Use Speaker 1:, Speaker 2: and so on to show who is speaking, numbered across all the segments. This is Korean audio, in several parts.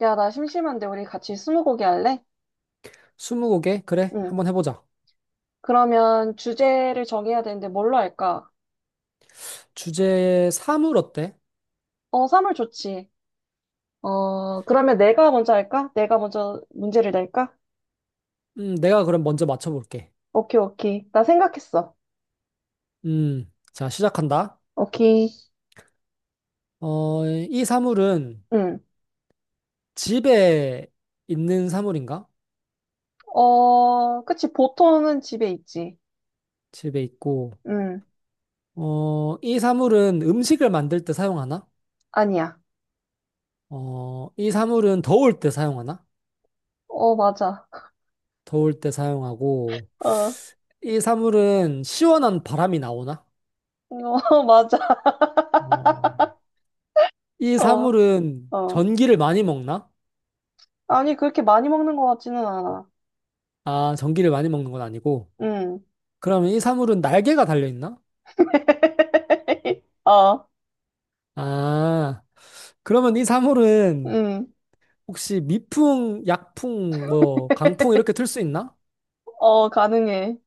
Speaker 1: 야, 나 심심한데 우리 같이 스무고개 할래?
Speaker 2: 스무고개? 그래,
Speaker 1: 응.
Speaker 2: 한번 해보자.
Speaker 1: 그러면 주제를 정해야 되는데 뭘로 할까?
Speaker 2: 주제 사물 어때?
Speaker 1: 어, 사물 좋지. 어, 그러면 내가 먼저 할까? 내가 먼저 문제를 낼까?
Speaker 2: 내가 그럼 먼저 맞춰볼게.
Speaker 1: 오케이, 오케이. 나 생각했어.
Speaker 2: 자, 시작한다.
Speaker 1: 오케이.
Speaker 2: 어, 이 사물은
Speaker 1: 응.
Speaker 2: 집에 있는 사물인가?
Speaker 1: 어, 그치. 보통은 집에 있지.
Speaker 2: 집에 있고,
Speaker 1: 응.
Speaker 2: 어, 이 사물은 음식을 만들 때 사용하나?
Speaker 1: 아니야.
Speaker 2: 어, 이 사물은 더울 때 사용하나?
Speaker 1: 어, 맞아.
Speaker 2: 더울 때 사용하고,
Speaker 1: 어,
Speaker 2: 이 사물은 시원한 바람이 나오나?
Speaker 1: 어, 맞아.
Speaker 2: 어, 이
Speaker 1: 어,
Speaker 2: 사물은
Speaker 1: 어.
Speaker 2: 전기를 많이 먹나?
Speaker 1: 아니, 그렇게 많이 먹는 것 같지는 않아.
Speaker 2: 아, 전기를 많이 먹는 건 아니고,
Speaker 1: 응.
Speaker 2: 그러면 이 사물은 날개가 달려있나?
Speaker 1: 어,
Speaker 2: 아, 그러면 이 사물은
Speaker 1: 응.
Speaker 2: 혹시 미풍, 약풍, 뭐, 강풍 이렇게 틀 수 있나?
Speaker 1: 어, 가능해.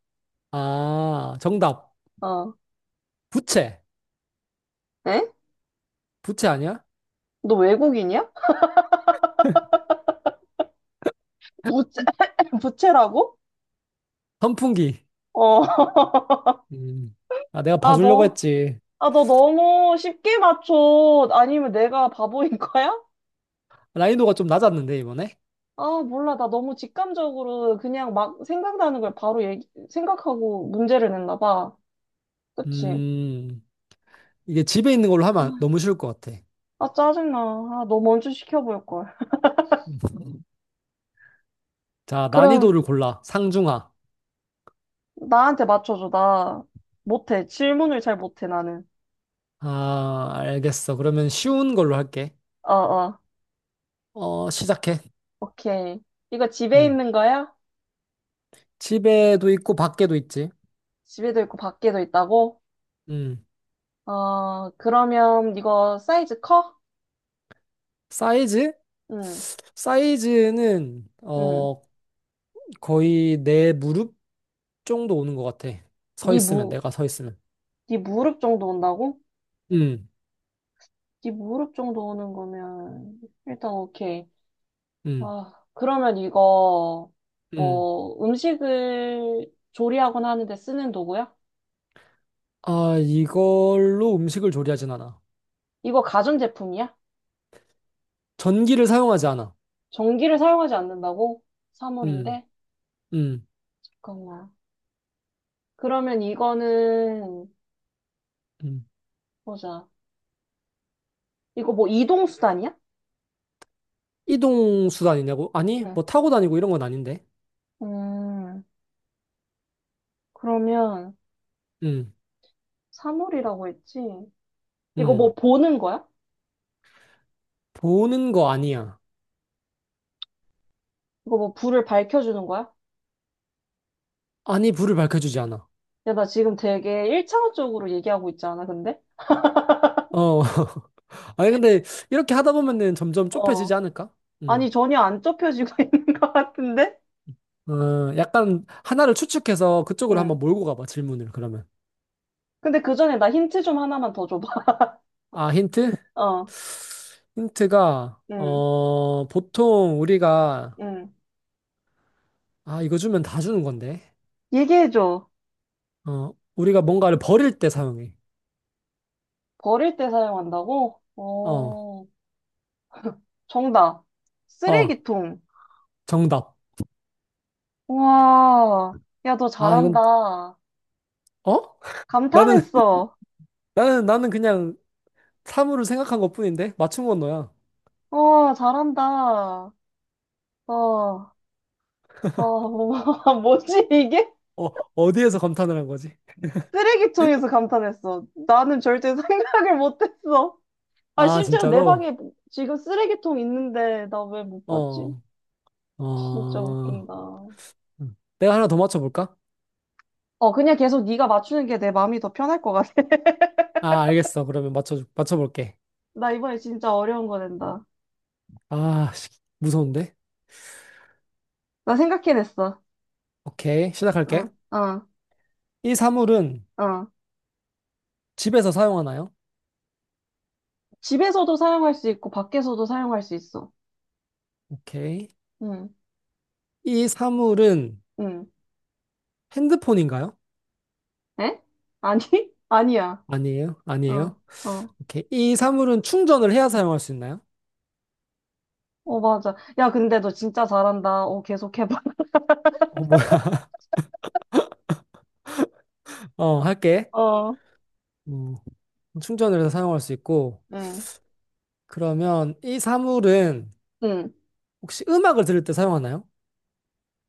Speaker 2: 아, 정답.
Speaker 1: 어.
Speaker 2: 부채.
Speaker 1: 에?
Speaker 2: 부채 아니야?
Speaker 1: 너 외국인이야? 부채, 부채라고?
Speaker 2: 선풍기.
Speaker 1: 어.
Speaker 2: 음. 아, 내가
Speaker 1: 아,
Speaker 2: 봐주려고
Speaker 1: 너,
Speaker 2: 했지.
Speaker 1: 아, 너 너무 쉽게 맞춰. 아니면 내가 바보인 거야?
Speaker 2: 난이도가 좀 낮았는데, 이번에?
Speaker 1: 아, 몰라. 나 너무 직감적으로 그냥 막 생각나는 걸 바로 얘기, 생각하고 문제를 냈나 봐. 그치?
Speaker 2: 음, 이게 집에 있는 걸로 하면 너무 쉬울 것 같아.
Speaker 1: 아, 짜증나. 아, 너 먼저 시켜볼 걸.
Speaker 2: 음. 자,
Speaker 1: 그럼
Speaker 2: 난이도를 골라. 상중하.
Speaker 1: 나한테 맞춰줘. 나 못해. 질문을 잘 못해, 나는.
Speaker 2: 아, 알겠어. 그러면 쉬운 걸로 할게.
Speaker 1: 어, 어.
Speaker 2: 어, 시작해.
Speaker 1: 오케이. 이거 집에
Speaker 2: 음.
Speaker 1: 있는 거야?
Speaker 2: 집에도 있고, 밖에도 있지.
Speaker 1: 집에도 있고 밖에도 있다고?
Speaker 2: 음.
Speaker 1: 어, 그러면 이거 사이즈 커?
Speaker 2: 사이즈?
Speaker 1: 응,
Speaker 2: 사이즈는
Speaker 1: 응.
Speaker 2: 거의 내 무릎 정도 오는 것 같아. 서
Speaker 1: 네
Speaker 2: 있으면
Speaker 1: 무,
Speaker 2: 내가 서 있으면.
Speaker 1: 네 무릎 정도 온다고?
Speaker 2: 음,
Speaker 1: 네 무릎 정도 오는 거면 일단 오케이.
Speaker 2: 음,
Speaker 1: 아, 그러면 이거
Speaker 2: 음.
Speaker 1: 뭐 음식을 조리하곤 하는데 쓰는 도구야?
Speaker 2: 아, 이걸로 음식을 조리하진 않아.
Speaker 1: 이거 가전제품이야?
Speaker 2: 전기를 사용하지 않아.
Speaker 1: 전기를 사용하지 않는다고?
Speaker 2: 음,
Speaker 1: 사물인데?
Speaker 2: 음,
Speaker 1: 잠깐만. 그러면 이거는
Speaker 2: 음.
Speaker 1: 보자. 이거 뭐 이동수단이야?
Speaker 2: 이동 수단이냐고? 아니
Speaker 1: 응.
Speaker 2: 뭐 타고 다니고 이런 건 아닌데.
Speaker 1: 음, 그러면
Speaker 2: 음,
Speaker 1: 사물이라고 했지? 이거 뭐
Speaker 2: 음.
Speaker 1: 보는 거야?
Speaker 2: 보는 거 아니야.
Speaker 1: 이거 뭐 불을 밝혀주는 거야?
Speaker 2: 아니 불을 밝혀주지 않아.
Speaker 1: 야, 나 지금 되게 일차원적으로 얘기하고 있지 않아, 근데?
Speaker 2: 어. 아니 근데 이렇게 하다 보면은 점점 좁혀지지
Speaker 1: 어.
Speaker 2: 않을까?
Speaker 1: 아니,
Speaker 2: 음.
Speaker 1: 전혀 안 좁혀지고 있는 것 같은데?
Speaker 2: 어, 약간 하나를 추측해서 그쪽으로
Speaker 1: 응.
Speaker 2: 한번 몰고 가봐, 질문을, 그러면.
Speaker 1: 근데 그 전에 나 힌트 좀 하나만 더 줘봐.
Speaker 2: 아, 힌트?
Speaker 1: 어.
Speaker 2: 힌트가,
Speaker 1: 응.
Speaker 2: 보통 우리가,
Speaker 1: 응.
Speaker 2: 아, 이거 주면 다 주는 건데.
Speaker 1: 얘기해줘.
Speaker 2: 어, 우리가 뭔가를 버릴 때 사용해.
Speaker 1: 버릴 때 사용한다고?
Speaker 2: 어,
Speaker 1: 어. 정답.
Speaker 2: 어,
Speaker 1: 쓰레기통.
Speaker 2: 정답.
Speaker 1: 와. 야, 너
Speaker 2: 아, 이건,
Speaker 1: 잘한다.
Speaker 2: 어? 나는,
Speaker 1: 감탄했어.
Speaker 2: 나는, 나는 그냥 사물을 생각한 것뿐인데? 맞춘 건 너야.
Speaker 1: 어, 잘한다. 어. 아, 뭐지 이게?
Speaker 2: 어, 어디에서 감탄을 한 거지?
Speaker 1: 쓰레기통에서 감탄했어. 나는 절대 생각을 못했어. 아,
Speaker 2: 아,
Speaker 1: 심지어 내
Speaker 2: 진짜로?
Speaker 1: 방에 지금 쓰레기통 있는데 나 왜 못 봤지?
Speaker 2: 어,
Speaker 1: 진짜
Speaker 2: 어.
Speaker 1: 웃긴다. 어,
Speaker 2: 음. 내가 하나 더 맞춰볼까?
Speaker 1: 그냥 계속 네가 맞추는 게 내 마음이 더 편할 것 같아.
Speaker 2: 아, 알겠어. 그러면 맞춰볼게.
Speaker 1: 나 이번에 진짜 어려운 거 낸다.
Speaker 2: 아, 씨, 무서운데?
Speaker 1: 나 생각해냈어.
Speaker 2: 오케이,
Speaker 1: 어,
Speaker 2: 시작할게.
Speaker 1: 어,
Speaker 2: 이 사물은
Speaker 1: 어.
Speaker 2: 집에서 사용하나요?
Speaker 1: 집에서도 사용할 수 있고 밖에서도 사용할 수 있어.
Speaker 2: 오케이.
Speaker 1: 응,
Speaker 2: 이 사물은
Speaker 1: 응.
Speaker 2: 핸드폰인가요?
Speaker 1: 에? 아니? 아니야.
Speaker 2: 아니에요,
Speaker 1: 어,
Speaker 2: 아니에요.
Speaker 1: 어.
Speaker 2: 오케이. 이 사물은 충전을 해야 사용할 수 있나요?
Speaker 1: 어, 맞아. 야, 근데 너 진짜 잘한다. 어, 계속 해봐.
Speaker 2: 어, 뭐야? 어, 할게.
Speaker 1: 어,
Speaker 2: 음, 충전을 해서 사용할 수 있고.
Speaker 1: 응,
Speaker 2: 그러면 이 사물은
Speaker 1: 응.
Speaker 2: 혹시 음악을 들을 때 사용하나요?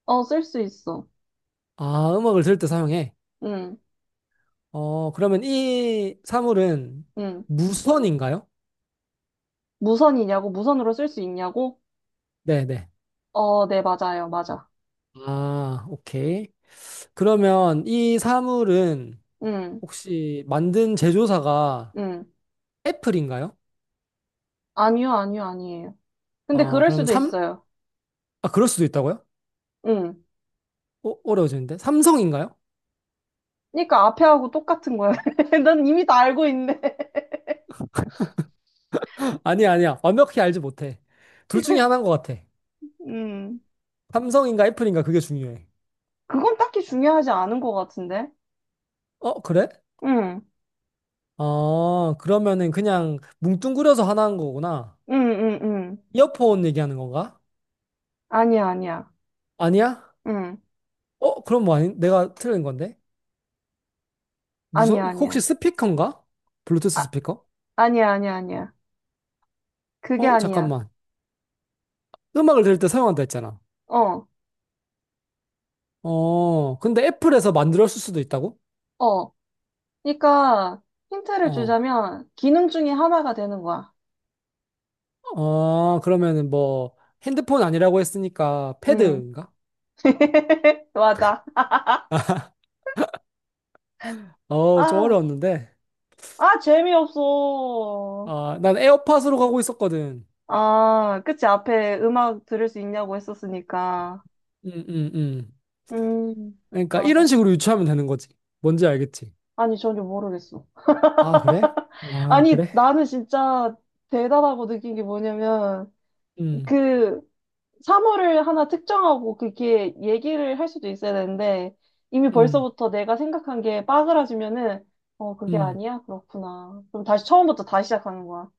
Speaker 1: 어, 쓸 수 있어.
Speaker 2: 아, 음악을 들을 때 사용해.
Speaker 1: 응,
Speaker 2: 어, 그러면 이 사물은
Speaker 1: 응.
Speaker 2: 무선인가요?
Speaker 1: 무선이냐고? 무선으로 쓸 수 있냐고?
Speaker 2: 네네.
Speaker 1: 어, 네, 맞아요. 맞아.
Speaker 2: 아, 오케이. 그러면 이 사물은
Speaker 1: 응,
Speaker 2: 혹시 만든 제조사가
Speaker 1: 응.
Speaker 2: 애플인가요?
Speaker 1: 아니요, 아니요, 아니에요. 근데
Speaker 2: 어,
Speaker 1: 그럴
Speaker 2: 그러면
Speaker 1: 수도 있어요.
Speaker 2: 아, 그럴 수도 있다고요?
Speaker 1: 응.
Speaker 2: 어, 어려워지는데? 삼성인가요?
Speaker 1: 그러니까 앞에 하고 똑같은 거야. 난 이미 다 알고 있네.
Speaker 2: 아니야, 아니야. 완벽히 알지 못해. 둘 중에 하나인 것 같아.
Speaker 1: 응.
Speaker 2: 삼성인가 애플인가 그게 중요해.
Speaker 1: 그건 딱히 중요하지 않은 것 같은데?
Speaker 2: 어, 그래?
Speaker 1: 응,
Speaker 2: 어, 그러면은 그냥 뭉뚱그려서 하나인 거구나.
Speaker 1: 응, 응, 응.
Speaker 2: 이어폰 얘기하는 건가?
Speaker 1: 아니야, 아니야.
Speaker 2: 아니야?
Speaker 1: 응.
Speaker 2: 어, 그럼 뭐 아니, 내가 틀린 건데? 무슨,
Speaker 1: 아니야,
Speaker 2: 혹시
Speaker 1: 아니야.
Speaker 2: 스피커인가? 블루투스
Speaker 1: 아,
Speaker 2: 스피커?
Speaker 1: 아니야, 아니야, 아니야. 그게
Speaker 2: 어,
Speaker 1: 아니야.
Speaker 2: 잠깐만. 음악을 들을 때 사용한다 했잖아.
Speaker 1: 어,
Speaker 2: 어, 근데 애플에서 만들었을 수도 있다고?
Speaker 1: 어. 그러니까 힌트를
Speaker 2: 어,
Speaker 1: 주자면 기능 중에 하나가 되는 거야.
Speaker 2: 어, 그러면은 뭐, 핸드폰 아니라고 했으니까,
Speaker 1: 응.
Speaker 2: 패드인가?
Speaker 1: 맞아.
Speaker 2: 어, 좀
Speaker 1: 아,
Speaker 2: 어려웠는데.
Speaker 1: 아, 재미없어.
Speaker 2: 아, 난 에어팟으로 가고 있었거든.
Speaker 1: 아, 그치. 앞에 음악 들을 수 있냐고 했었으니까.
Speaker 2: 음, 음, 음.
Speaker 1: 음,
Speaker 2: 그러니까 이런
Speaker 1: 맞았어.
Speaker 2: 식으로 유추하면 되는 거지. 뭔지 알겠지?
Speaker 1: 아니, 전혀 모르겠어.
Speaker 2: 아, 그래? 아,
Speaker 1: 아니,
Speaker 2: 그래?
Speaker 1: 나는 진짜 대단하고 느낀 게 뭐냐면,
Speaker 2: 음,
Speaker 1: 그, 사물을 하나 특정하고 그게 얘기를 할 수도 있어야 되는데 이미
Speaker 2: 음,
Speaker 1: 벌써부터 내가 생각한 게 빠그라지면은 어 그게
Speaker 2: 음,
Speaker 1: 아니야? 그렇구나. 그럼 다시 처음부터 다시 시작하는 거야.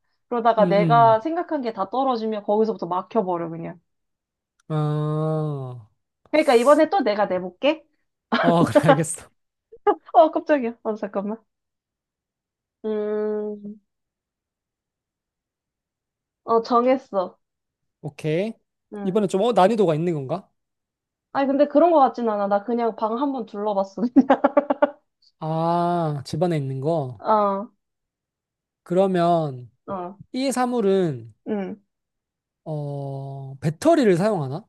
Speaker 2: 음,
Speaker 1: 그러다가
Speaker 2: 음.
Speaker 1: 내가 생각한 게 다 떨어지면 거기서부터 막혀버려 그냥.
Speaker 2: 아,
Speaker 1: 그러니까 이번에 또 내가 내볼게.
Speaker 2: 어, 그래, 알겠어.
Speaker 1: 어 깜짝이야. 어 잠깐만. 음, 어 정했어.
Speaker 2: 오케이.
Speaker 1: 응.
Speaker 2: 이번에 좀, 어, 난이도가 있는 건가?
Speaker 1: 아니 근데 그런 거 같진 않아. 나 그냥 방 한번 둘러봤어. 그냥.
Speaker 2: 아, 집안에 있는 거.
Speaker 1: 어,
Speaker 2: 그러면,
Speaker 1: 어,
Speaker 2: 이 사물은
Speaker 1: 응.
Speaker 2: 어, 배터리를 사용하나?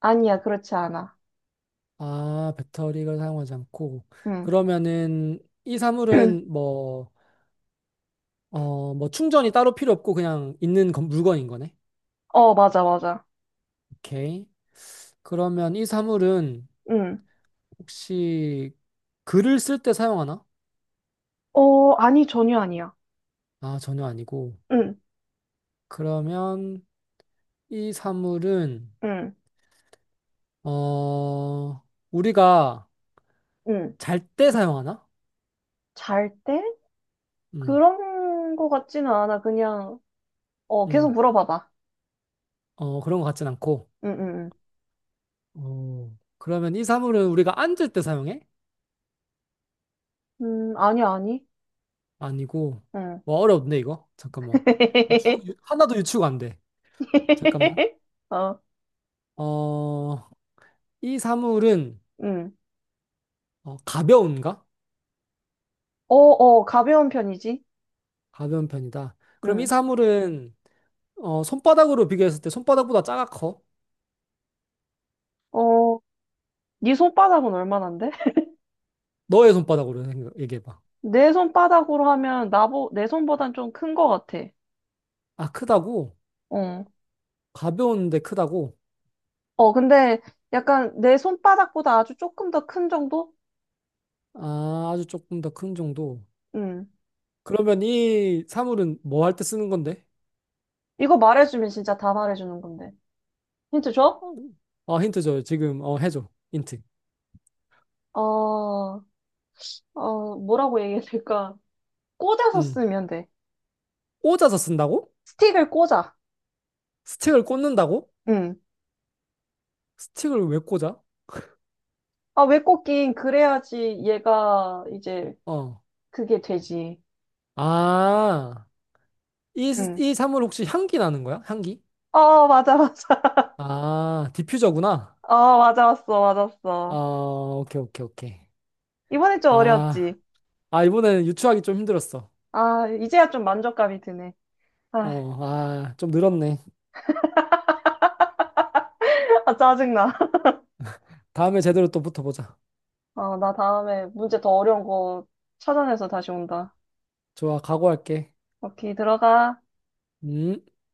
Speaker 1: 아니야 그렇지 않아.
Speaker 2: 아, 배터리를 사용하지 않고
Speaker 1: 응.
Speaker 2: 그러면은 이 사물은 뭐, 어, 뭐 충전이 따로 필요 없고 그냥 있는 물건인 거네.
Speaker 1: 어 맞아 맞아.
Speaker 2: 오케이. 그러면 이 사물은
Speaker 1: 응.
Speaker 2: 혹시 글을 쓸 때 사용하나?
Speaker 1: 어, 아니, 전혀 아니야.
Speaker 2: 아, 전혀 아니고.
Speaker 1: 응,
Speaker 2: 그러면 이 사물은
Speaker 1: 응,
Speaker 2: 어, 우리가
Speaker 1: 응.
Speaker 2: 잘 때 사용하나?
Speaker 1: 잘 때?
Speaker 2: 음,
Speaker 1: 그런 거 같지는 않아. 그냥, 어,
Speaker 2: 음,
Speaker 1: 계속 물어봐봐.
Speaker 2: 어, 그런 것 같진 않고.
Speaker 1: 응, 응,
Speaker 2: 어, 그러면 이 사물은 우리가 앉을 때 사용해?
Speaker 1: 응. 아니, 아니.
Speaker 2: 아니고,
Speaker 1: 응.
Speaker 2: 와, 어렵네, 이거. 잠깐만. 하나도 유추가 안 돼. 잠깐만.
Speaker 1: 어,
Speaker 2: 어, 이 사물은
Speaker 1: 응.
Speaker 2: 어, 가벼운가?
Speaker 1: 어, 어, 가벼운 편이지.
Speaker 2: 가벼운 편이다. 그럼 이
Speaker 1: 응.
Speaker 2: 사물은 어, 손바닥으로 비교했을 때 손바닥보다 작아 커?
Speaker 1: 어, 네 손바닥은 얼마나인데?
Speaker 2: 너의 손바닥으로 얘기해봐.
Speaker 1: 내 손바닥으로 하면 내 손보단 좀 큰 거 같아.
Speaker 2: 아, 크다고?
Speaker 1: 어.
Speaker 2: 가벼운데 크다고?
Speaker 1: 어, 근데 약간 내 손바닥보다 아주 조금 더 큰 정도?
Speaker 2: 아, 아주 조금 더 큰 정도.
Speaker 1: 응
Speaker 2: 그러면 이 사물은 뭐 할 때 쓰는 건데?
Speaker 1: 이거 말해주면 진짜 다 말해주는 건데. 힌트 줘?
Speaker 2: 어, 힌트 줘요. 지금 해줘. 힌트.
Speaker 1: 어, 어, 뭐라고 얘기해야 될까? 꽂아서
Speaker 2: 음.
Speaker 1: 쓰면 돼.
Speaker 2: 꽂아서 쓴다고?
Speaker 1: 스틱을 꽂아.
Speaker 2: 스틱을 꽂는다고?
Speaker 1: 응.
Speaker 2: 스틱을 왜 꽂아?
Speaker 1: 아, 왜 꽂긴? 그래야지 얘가 이제
Speaker 2: 어.
Speaker 1: 그게 되지.
Speaker 2: 아,
Speaker 1: 응.
Speaker 2: 이 사물 혹시 향기 나는 거야? 향기?
Speaker 1: 어, 맞아, 맞아.
Speaker 2: 아, 디퓨저구나.
Speaker 1: 어, 맞았어,
Speaker 2: 아,
Speaker 1: 맞았어.
Speaker 2: 오케이, 오케이, 오케이.
Speaker 1: 이번엔 좀
Speaker 2: 아,
Speaker 1: 어려웠지?
Speaker 2: 아, 이번에는 유추하기 좀 힘들었어.
Speaker 1: 아, 이제야 좀 만족감이 드네. 아,
Speaker 2: 어, 아, 좀 늘었네.
Speaker 1: 아, 짜증나.
Speaker 2: 다음에 제대로 또 붙어보자.
Speaker 1: 어, 나 다음에 문제 더 어려운 거 찾아내서 다시 온다.
Speaker 2: 좋아, 각오할게.
Speaker 1: 오케이, 들어가.
Speaker 2: 음.